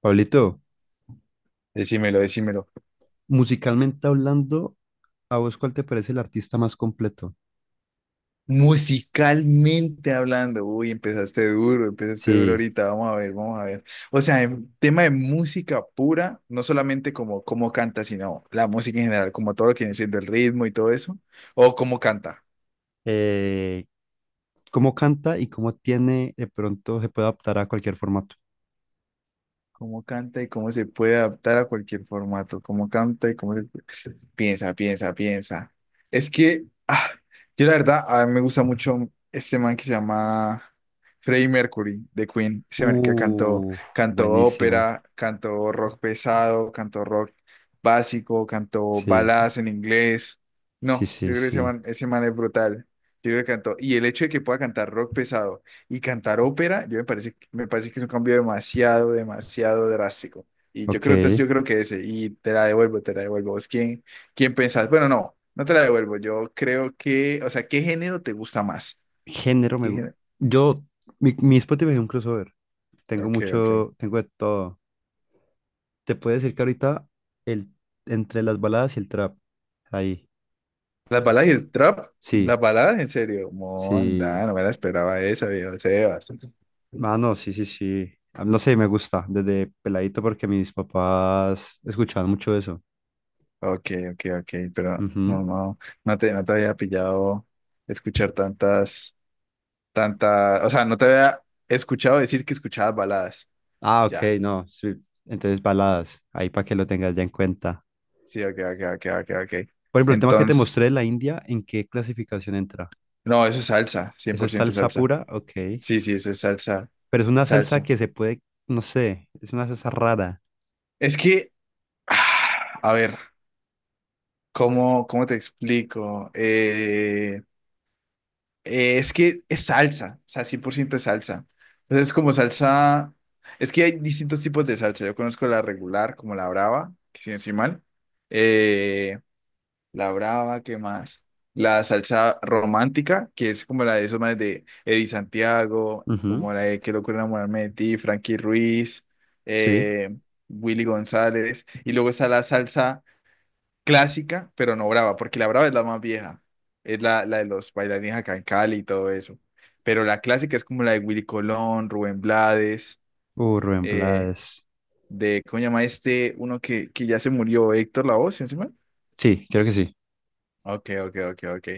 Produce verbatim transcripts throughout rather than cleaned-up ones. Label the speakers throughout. Speaker 1: Pablito,
Speaker 2: Decímelo, decímelo.
Speaker 1: musicalmente hablando, ¿a vos cuál te parece el artista más completo?
Speaker 2: Musicalmente hablando, uy, empezaste duro, empezaste duro
Speaker 1: Sí,
Speaker 2: ahorita, vamos a ver, vamos a ver. O sea, en tema de música pura, no solamente como cómo canta, sino la música en general, como todo lo que viene siendo el ritmo y todo eso, o cómo canta.
Speaker 1: eh, ¿cómo canta y cómo tiene, de pronto se puede adaptar a cualquier formato?
Speaker 2: Cómo canta y cómo se puede adaptar a cualquier formato. Cómo canta y cómo se puede. Piensa, piensa, piensa. Es que ah, yo la verdad, a mí me gusta mucho este man que se llama Freddie Mercury de Queen. Ese man que cantó,
Speaker 1: Uh,
Speaker 2: cantó
Speaker 1: buenísimo.
Speaker 2: ópera, cantó rock pesado, cantó rock básico, cantó
Speaker 1: Sí,
Speaker 2: baladas en inglés.
Speaker 1: sí,
Speaker 2: No, yo
Speaker 1: sí,
Speaker 2: creo que ese
Speaker 1: sí.
Speaker 2: man, ese man es brutal. Yo creo que cantó. Y el hecho de que pueda cantar rock pesado y cantar ópera, yo me parece, me parece que es un cambio demasiado, demasiado drástico. Y yo
Speaker 1: Ok.
Speaker 2: creo, entonces yo creo que ese, y te la devuelvo, te la devuelvo. ¿Vos quién, quién pensás? Bueno, no, no te la devuelvo. Yo creo que, o sea, ¿qué género te gusta más?
Speaker 1: Género me
Speaker 2: ¿Qué
Speaker 1: gusta.
Speaker 2: género?
Speaker 1: Yo, mi, mi Spotify es un crossover. Tengo
Speaker 2: Ok, ok.
Speaker 1: mucho, tengo de todo. Te puedo decir que ahorita el, entre las baladas y el trap. Ahí.
Speaker 2: ¿Las baladas y el trap? ¿Las
Speaker 1: Sí,
Speaker 2: baladas? En serio.
Speaker 1: sí.
Speaker 2: Monda, no me la esperaba esa, viejo Sebas.
Speaker 1: Mano, sí, sí, sí. Ah, no sé, me gusta desde peladito porque mis papás escuchaban mucho eso.
Speaker 2: Ok, ok, ok, pero no,
Speaker 1: Ujú.
Speaker 2: no, no te, no te había pillado escuchar tantas. tanta, o sea, no te había escuchado decir que escuchabas baladas.
Speaker 1: Ah, ok,
Speaker 2: Ya,
Speaker 1: no. Sí. Entonces, baladas, ahí para que lo tengas ya en cuenta.
Speaker 2: sí, ok, ok, ok, ok, ok.
Speaker 1: Por ejemplo, el tema que te
Speaker 2: Entonces,
Speaker 1: mostré de la India, ¿en qué clasificación entra?
Speaker 2: no, eso es salsa, cien
Speaker 1: ¿Eso
Speaker 2: por
Speaker 1: es
Speaker 2: ciento
Speaker 1: salsa
Speaker 2: salsa.
Speaker 1: pura? Ok.
Speaker 2: Sí, sí, eso es salsa,
Speaker 1: Pero es una salsa
Speaker 2: salsa.
Speaker 1: que se puede, no sé, es una salsa rara.
Speaker 2: Es que, ah, a ver, ¿cómo, cómo te explico? Eh, eh, es que es salsa, o sea, cien por ciento es salsa. Entonces, es como salsa, es que hay distintos tipos de salsa. Yo conozco la regular, como la brava, que si no estoy mal. Eh, La brava, ¿qué más? La salsa romántica, que es como la de esos más de Eddie Santiago,
Speaker 1: Ujú,
Speaker 2: como la de Qué locura enamorarme de ti, Frankie Ruiz,
Speaker 1: sí.
Speaker 2: eh, Willy González. Y luego está la salsa clásica, pero no brava, porque la brava es la más vieja. Es la, la de los bailarines acá en Cali y todo eso. Pero la clásica es como la de Willy Colón, Rubén Blades,
Speaker 1: Uh, Rubén
Speaker 2: eh,
Speaker 1: Blades.
Speaker 2: de, ¿cómo se llama este? Uno que, que ya se murió, Héctor Lavoe, ¿sí?
Speaker 1: Sí, creo que sí.
Speaker 2: Ok, ok, ok, ok.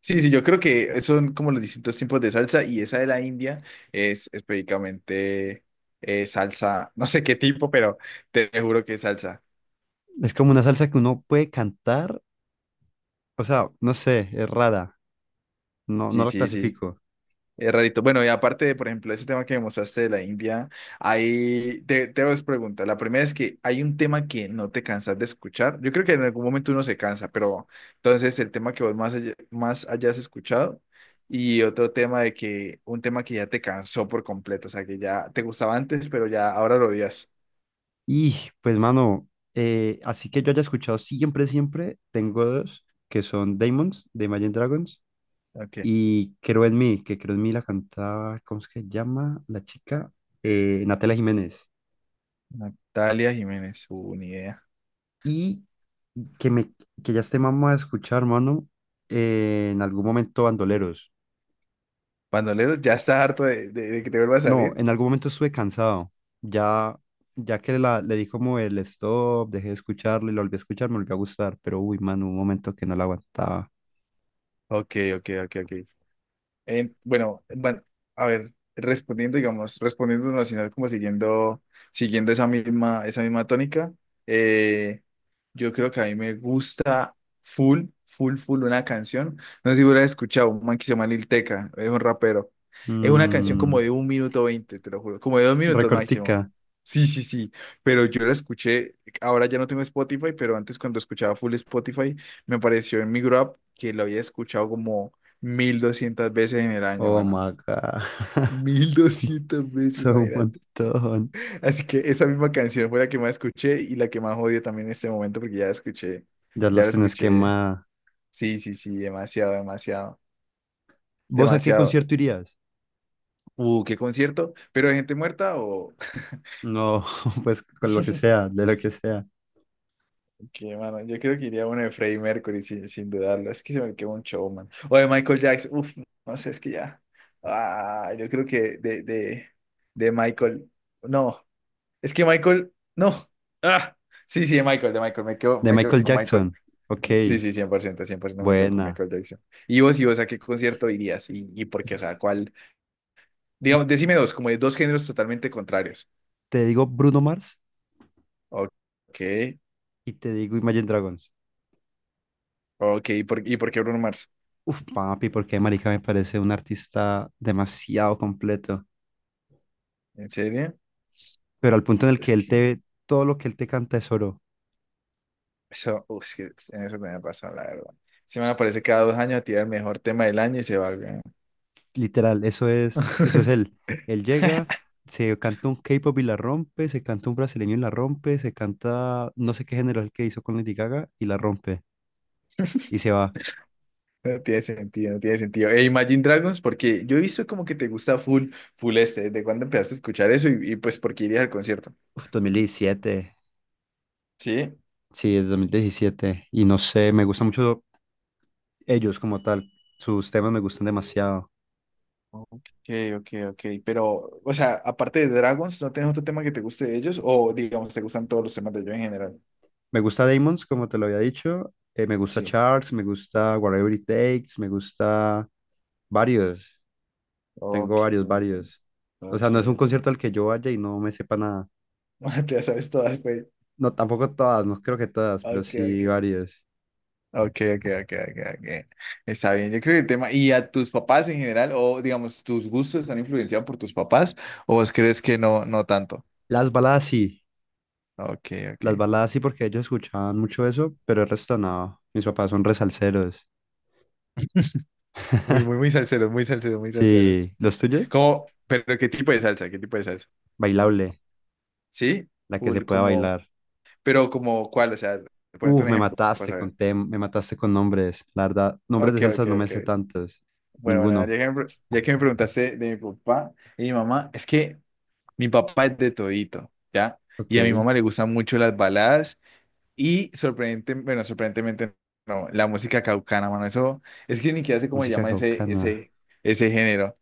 Speaker 2: Sí, sí, yo creo que son como los distintos tipos de salsa y esa de la India es específicamente eh, salsa, no sé qué tipo, pero te juro que es salsa.
Speaker 1: Es como una salsa que uno puede cantar. O sea, no sé, es rara. No,
Speaker 2: Sí,
Speaker 1: no la
Speaker 2: sí, sí.
Speaker 1: clasifico.
Speaker 2: Es rarito. Bueno, y aparte de, por ejemplo, ese tema que me mostraste de la India, ahí te, te hago dos preguntas. La primera es que hay un tema que no te cansas de escuchar. Yo creo que en algún momento uno se cansa, pero entonces el tema que vos más, haya- más hayas escuchado y otro tema de que, un tema que ya te cansó por completo, o sea, que ya te gustaba antes, pero ya ahora lo odias.
Speaker 1: Y pues, mano, eh, así que yo haya escuchado siempre, siempre, tengo dos que son Daemons de Imagine Dragons
Speaker 2: Ok.
Speaker 1: y Creo en mí, que Creo en mí la cantaba, ¿cómo es que se llama la chica? Eh, Natalia Jiménez.
Speaker 2: Natalia Jiménez, uh, ni idea.
Speaker 1: Y que, me, que ya esté mamá a escuchar, mano, eh, en algún momento Bandoleros.
Speaker 2: Bandoleros, ya está harto de, de de que te vuelva a
Speaker 1: No,
Speaker 2: salir.
Speaker 1: en algún momento estuve cansado. Ya, ya que la, le di como el stop, dejé de escucharlo y lo volví a escuchar, me volvió a gustar, pero uy, mano, un momento que no la aguantaba.
Speaker 2: Ok, ok, ok, ok. Eh, bueno, bueno, a ver, respondiendo, digamos, respondiendo en nacional como siguiendo, siguiendo esa misma, esa misma tónica, eh, yo creo que a mí me gusta full, full, full una canción. No sé si hubiera escuchado, un man que se llama Lil Tecca, es un rapero. Es una canción como
Speaker 1: Mm.
Speaker 2: de un minuto veinte, te lo juro, como de dos minutos máximo.
Speaker 1: Recortica.
Speaker 2: Sí, sí, sí, pero yo la escuché, ahora ya no tengo Spotify, pero antes cuando escuchaba full Spotify, me apareció en mi Grab que lo había escuchado como mil doscientas veces en el año,
Speaker 1: Oh
Speaker 2: mano.
Speaker 1: my God.
Speaker 2: Mil doscientas veces,
Speaker 1: Son un
Speaker 2: imagínate.
Speaker 1: montón.
Speaker 2: Así que esa misma canción fue la que más escuché y la que más odio también en este momento porque ya la escuché.
Speaker 1: Ya
Speaker 2: Ya
Speaker 1: las
Speaker 2: la
Speaker 1: tenés
Speaker 2: escuché.
Speaker 1: quemada.
Speaker 2: Sí, sí, sí, demasiado, demasiado,
Speaker 1: ¿Vos a qué
Speaker 2: demasiado.
Speaker 1: concierto irías?
Speaker 2: Uh, qué concierto. ¿Pero de gente muerta o...?
Speaker 1: No, pues con lo que sea, de lo que sea.
Speaker 2: Qué, mano. Yo creo que iría a uno de Freddie Mercury sin, sin dudarlo. Es que se me quedó un showman. O de Michael Jackson. Uf, no sé, es que ya. Ah, yo creo que de, de, de Michael. No. Es que Michael, no. Ah, sí, sí, de Michael, de Michael. Me quedo,
Speaker 1: De
Speaker 2: me quedo
Speaker 1: Michael
Speaker 2: con Michael.
Speaker 1: Jackson. Ok,
Speaker 2: Sí, sí, cien cien por ciento, cien por ciento me quedo con
Speaker 1: buena.
Speaker 2: Michael Jackson. ¿Y vos, y vos, a qué concierto irías? ¿Y, y por qué? O sea, ¿cuál? Digamos, decime
Speaker 1: Mm.
Speaker 2: dos, como de dos géneros totalmente contrarios.
Speaker 1: Te digo Bruno Mars
Speaker 2: Ok,
Speaker 1: y te digo Imagine Dragons.
Speaker 2: ok. ¿Y por, y por qué Bruno Mars?
Speaker 1: Uf, papi, porque marica me parece un artista demasiado completo.
Speaker 2: ¿En serio?
Speaker 1: Pero al punto en el que
Speaker 2: Es
Speaker 1: él
Speaker 2: que
Speaker 1: te, todo lo que él te canta es oro.
Speaker 2: eso, uf, es que en eso tenés razón, la verdad. Se me aparece cada dos años a tirar el mejor tema del año y se va. Weón.
Speaker 1: Literal, eso es, eso es él. Él llega, se canta un K-pop y la rompe, se canta un brasileño y la rompe, se canta no sé qué género es el que hizo con Lady Gaga y la rompe. Y se va.
Speaker 2: No tiene sentido, no tiene sentido. E Imagine Dragons, porque yo he visto como que te gusta full, full este, ¿desde cuándo empezaste a escuchar eso? Y, y pues, ¿por qué irías al concierto?
Speaker 1: Uf, dos mil diecisiete.
Speaker 2: Sí.
Speaker 1: Sí, es dos mil diecisiete. Y no sé, me gustan mucho ellos como tal. Sus temas me gustan demasiado.
Speaker 2: Ok, ok, ok. Pero, o sea, aparte de Dragons, ¿no tienes otro tema que te guste de ellos? O, digamos, ¿te gustan todos los temas de ellos en general?
Speaker 1: Me gusta Damons, como te lo había dicho. Eh, me gusta
Speaker 2: Sí.
Speaker 1: Charles, me gusta Whatever It Takes, me gusta varios.
Speaker 2: Ok,
Speaker 1: Tengo varios, varios. O sea,
Speaker 2: ok,
Speaker 1: no es un
Speaker 2: ok.
Speaker 1: concierto al que yo vaya y no me sepa nada.
Speaker 2: ok. Te las sabes todas, pues.
Speaker 1: No, tampoco todas, no creo que todas, pero
Speaker 2: Ok, ok.
Speaker 1: sí varias.
Speaker 2: Ok, ok, ok, ok, ok. Está bien, yo creo que el tema, ¿y a tus papás en general, o digamos, tus gustos están influenciados por tus papás, o vos crees que no, no tanto?
Speaker 1: Las baladas sí,
Speaker 2: Ok,
Speaker 1: las
Speaker 2: ok.
Speaker 1: baladas sí porque ellos escuchaban mucho eso, pero el resto no. Mis papás son resalseros.
Speaker 2: Muy, muy, muy salsero, muy salsero, muy salsero.
Speaker 1: Sí, ¿los tuyos?
Speaker 2: ¿Cómo? Pero ¿qué tipo de salsa? ¿Qué tipo de salsa?
Speaker 1: Bailable,
Speaker 2: ¿Sí?
Speaker 1: la que se
Speaker 2: Full,
Speaker 1: pueda
Speaker 2: como,
Speaker 1: bailar.
Speaker 2: pero como, ¿cuál? O sea, ponete
Speaker 1: Uf,
Speaker 2: un
Speaker 1: me
Speaker 2: ejemplo para
Speaker 1: mataste con
Speaker 2: saber.
Speaker 1: tem, me mataste con nombres, la verdad. Nombres de
Speaker 2: Ok, ok,
Speaker 1: salsas no me
Speaker 2: ok.
Speaker 1: sé tantos,
Speaker 2: Bueno, bueno, ya
Speaker 1: ninguno.
Speaker 2: que me, pre- ya que me preguntaste de mi papá y mi mamá, es que mi papá es de todito, ¿ya?
Speaker 1: Ok,
Speaker 2: Y a mi mamá le gustan mucho las baladas y sorprendente, bueno, sorprendentemente no, la música caucana, mano, eso es que ni siquiera sé cómo se
Speaker 1: música
Speaker 2: llama ese,
Speaker 1: caucana.
Speaker 2: ese, ese género.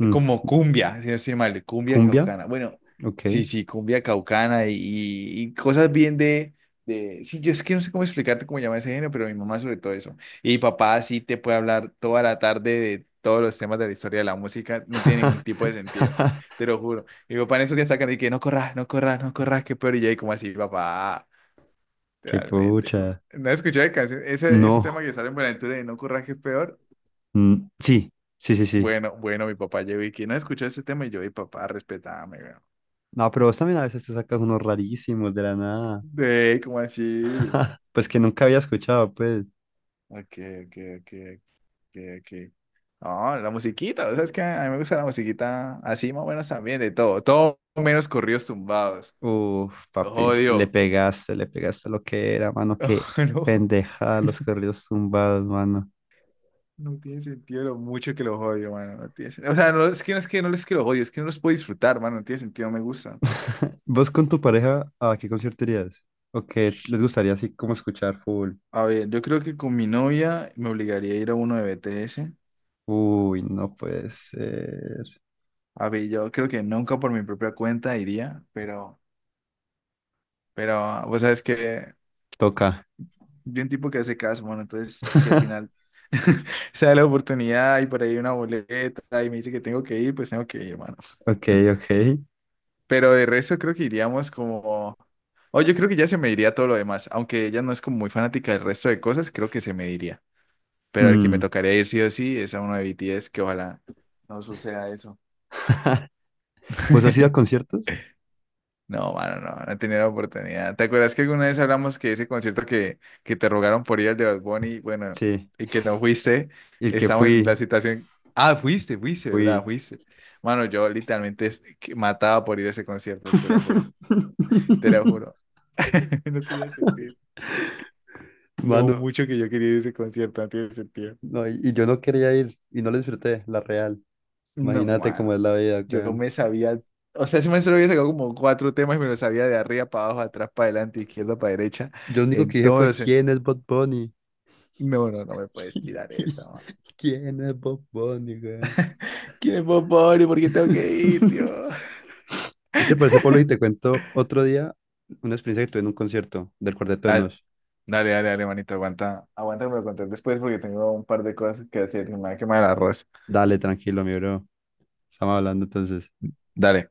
Speaker 2: Es
Speaker 1: Mm,
Speaker 2: como cumbia, si no estoy mal, cumbia
Speaker 1: ¿cumbia?
Speaker 2: caucana. Bueno,
Speaker 1: Ok.
Speaker 2: sí, sí, cumbia caucana y, y cosas bien de, de. Sí, yo es que no sé cómo explicarte cómo se llama ese género, pero mi mamá sobre todo eso. Y mi papá sí te puede hablar toda la tarde de todos los temas de la historia de la música, no tiene ningún tipo de sentido, te lo juro. Mi papá en esos días sacan y que no corras, no corras, no corras, qué peor. Y yo ahí como así, papá.
Speaker 1: Qué
Speaker 2: Literalmente.
Speaker 1: pucha.
Speaker 2: No escuché canción. Ese, ese tema
Speaker 1: No.
Speaker 2: que sale en Buenaventura de No Curra que es peor.
Speaker 1: Mm, sí, sí, sí, sí.
Speaker 2: Bueno, bueno, mi papá llegó y que no escuchó ese tema y yo, y papá, respetame, weón.
Speaker 1: No, pero vos también a veces te sacas unos rarísimos de la nada.
Speaker 2: De, ¿cómo así?
Speaker 1: Pues que nunca había escuchado, pues.
Speaker 2: Ok, ok, ok, ok, ok. No, la musiquita, sabes sea, que a mí me gusta la musiquita así, más o menos también, de todo, todo menos corridos tumbados.
Speaker 1: Uf,
Speaker 2: Los
Speaker 1: papi, le
Speaker 2: odio.
Speaker 1: pegaste, le pegaste lo que era, mano. Qué
Speaker 2: No,
Speaker 1: pendeja los corridos tumbados, mano.
Speaker 2: no tiene sentido lo mucho que los odio, mano. No tiene sen- O sea, no es que no es que no es que los odio, es que no los puedo disfrutar, mano. No tiene sentido, no me gusta.
Speaker 1: ¿Vos con tu pareja a qué concierto irías? ¿O qué les gustaría así como escuchar full?
Speaker 2: A ver, yo creo que con mi novia me obligaría a ir a uno de B T S.
Speaker 1: Uy, no puede ser.
Speaker 2: A ver, yo creo que nunca por mi propia cuenta iría, pero, pero vos sabes que
Speaker 1: Toca.
Speaker 2: yo un tipo que hace caso, bueno, entonces si al final se da la oportunidad y por ahí una boleta y me dice que tengo que ir, pues tengo que ir, mano.
Speaker 1: Ok, ok.
Speaker 2: Pero de resto creo que iríamos como. O yo creo que ya se me iría todo lo demás, aunque ella no es como muy fanática del resto de cosas, creo que se me iría. Pero al que me
Speaker 1: Mm,
Speaker 2: tocaría ir sí o sí es a uno de B T S, que ojalá no suceda eso.
Speaker 1: ¿vos has ido a conciertos?
Speaker 2: No, mano, no, no tenía la oportunidad. ¿Te acuerdas que alguna vez hablamos que ese concierto que, que te rogaron por ir al de Bad Bunny, bueno,
Speaker 1: Sí.
Speaker 2: y que no fuiste?
Speaker 1: El que
Speaker 2: Estamos en la
Speaker 1: fui,
Speaker 2: situación. Ah, fuiste, fuiste, ¿verdad?
Speaker 1: fui.
Speaker 2: Fuiste. Mano, yo literalmente es- que mataba por ir a ese concierto, te lo juro. Te lo juro. No tenía sentido. Lo
Speaker 1: Mano,
Speaker 2: mucho que yo quería ir a ese concierto no tiene sentido.
Speaker 1: no, y, y yo no quería ir y no lo disfruté, la real.
Speaker 2: No,
Speaker 1: Imagínate cómo
Speaker 2: mano.
Speaker 1: es la vida,
Speaker 2: Yo
Speaker 1: weón.
Speaker 2: me sabía. O sea, ese maestro había sacado como cuatro temas y me lo sabía de arriba para abajo, atrás para adelante, izquierda para derecha,
Speaker 1: Yo lo único
Speaker 2: en
Speaker 1: que dije
Speaker 2: todos
Speaker 1: fue,
Speaker 2: los
Speaker 1: ¿quién
Speaker 2: sentidos.
Speaker 1: es Bob Bunny?
Speaker 2: No, no, no me puedes tirar eso.
Speaker 1: ¿Quién es Bob Bunny, weón?
Speaker 2: ¿Quién es Bob Bunny? ¿Por qué tengo que ir, Dios?
Speaker 1: Sí. ¿Qué te parece, Pablo? Y te cuento otro día una experiencia que tuve en un concierto del Cuarteto de
Speaker 2: Dale,
Speaker 1: Nos.
Speaker 2: dale, dale, dale, manito, aguanta. Aguanta que me lo conté después porque tengo un par de cosas que hacer y me va a quemar el arroz.
Speaker 1: Dale, tranquilo, mi bro. Estamos hablando entonces.
Speaker 2: Dale.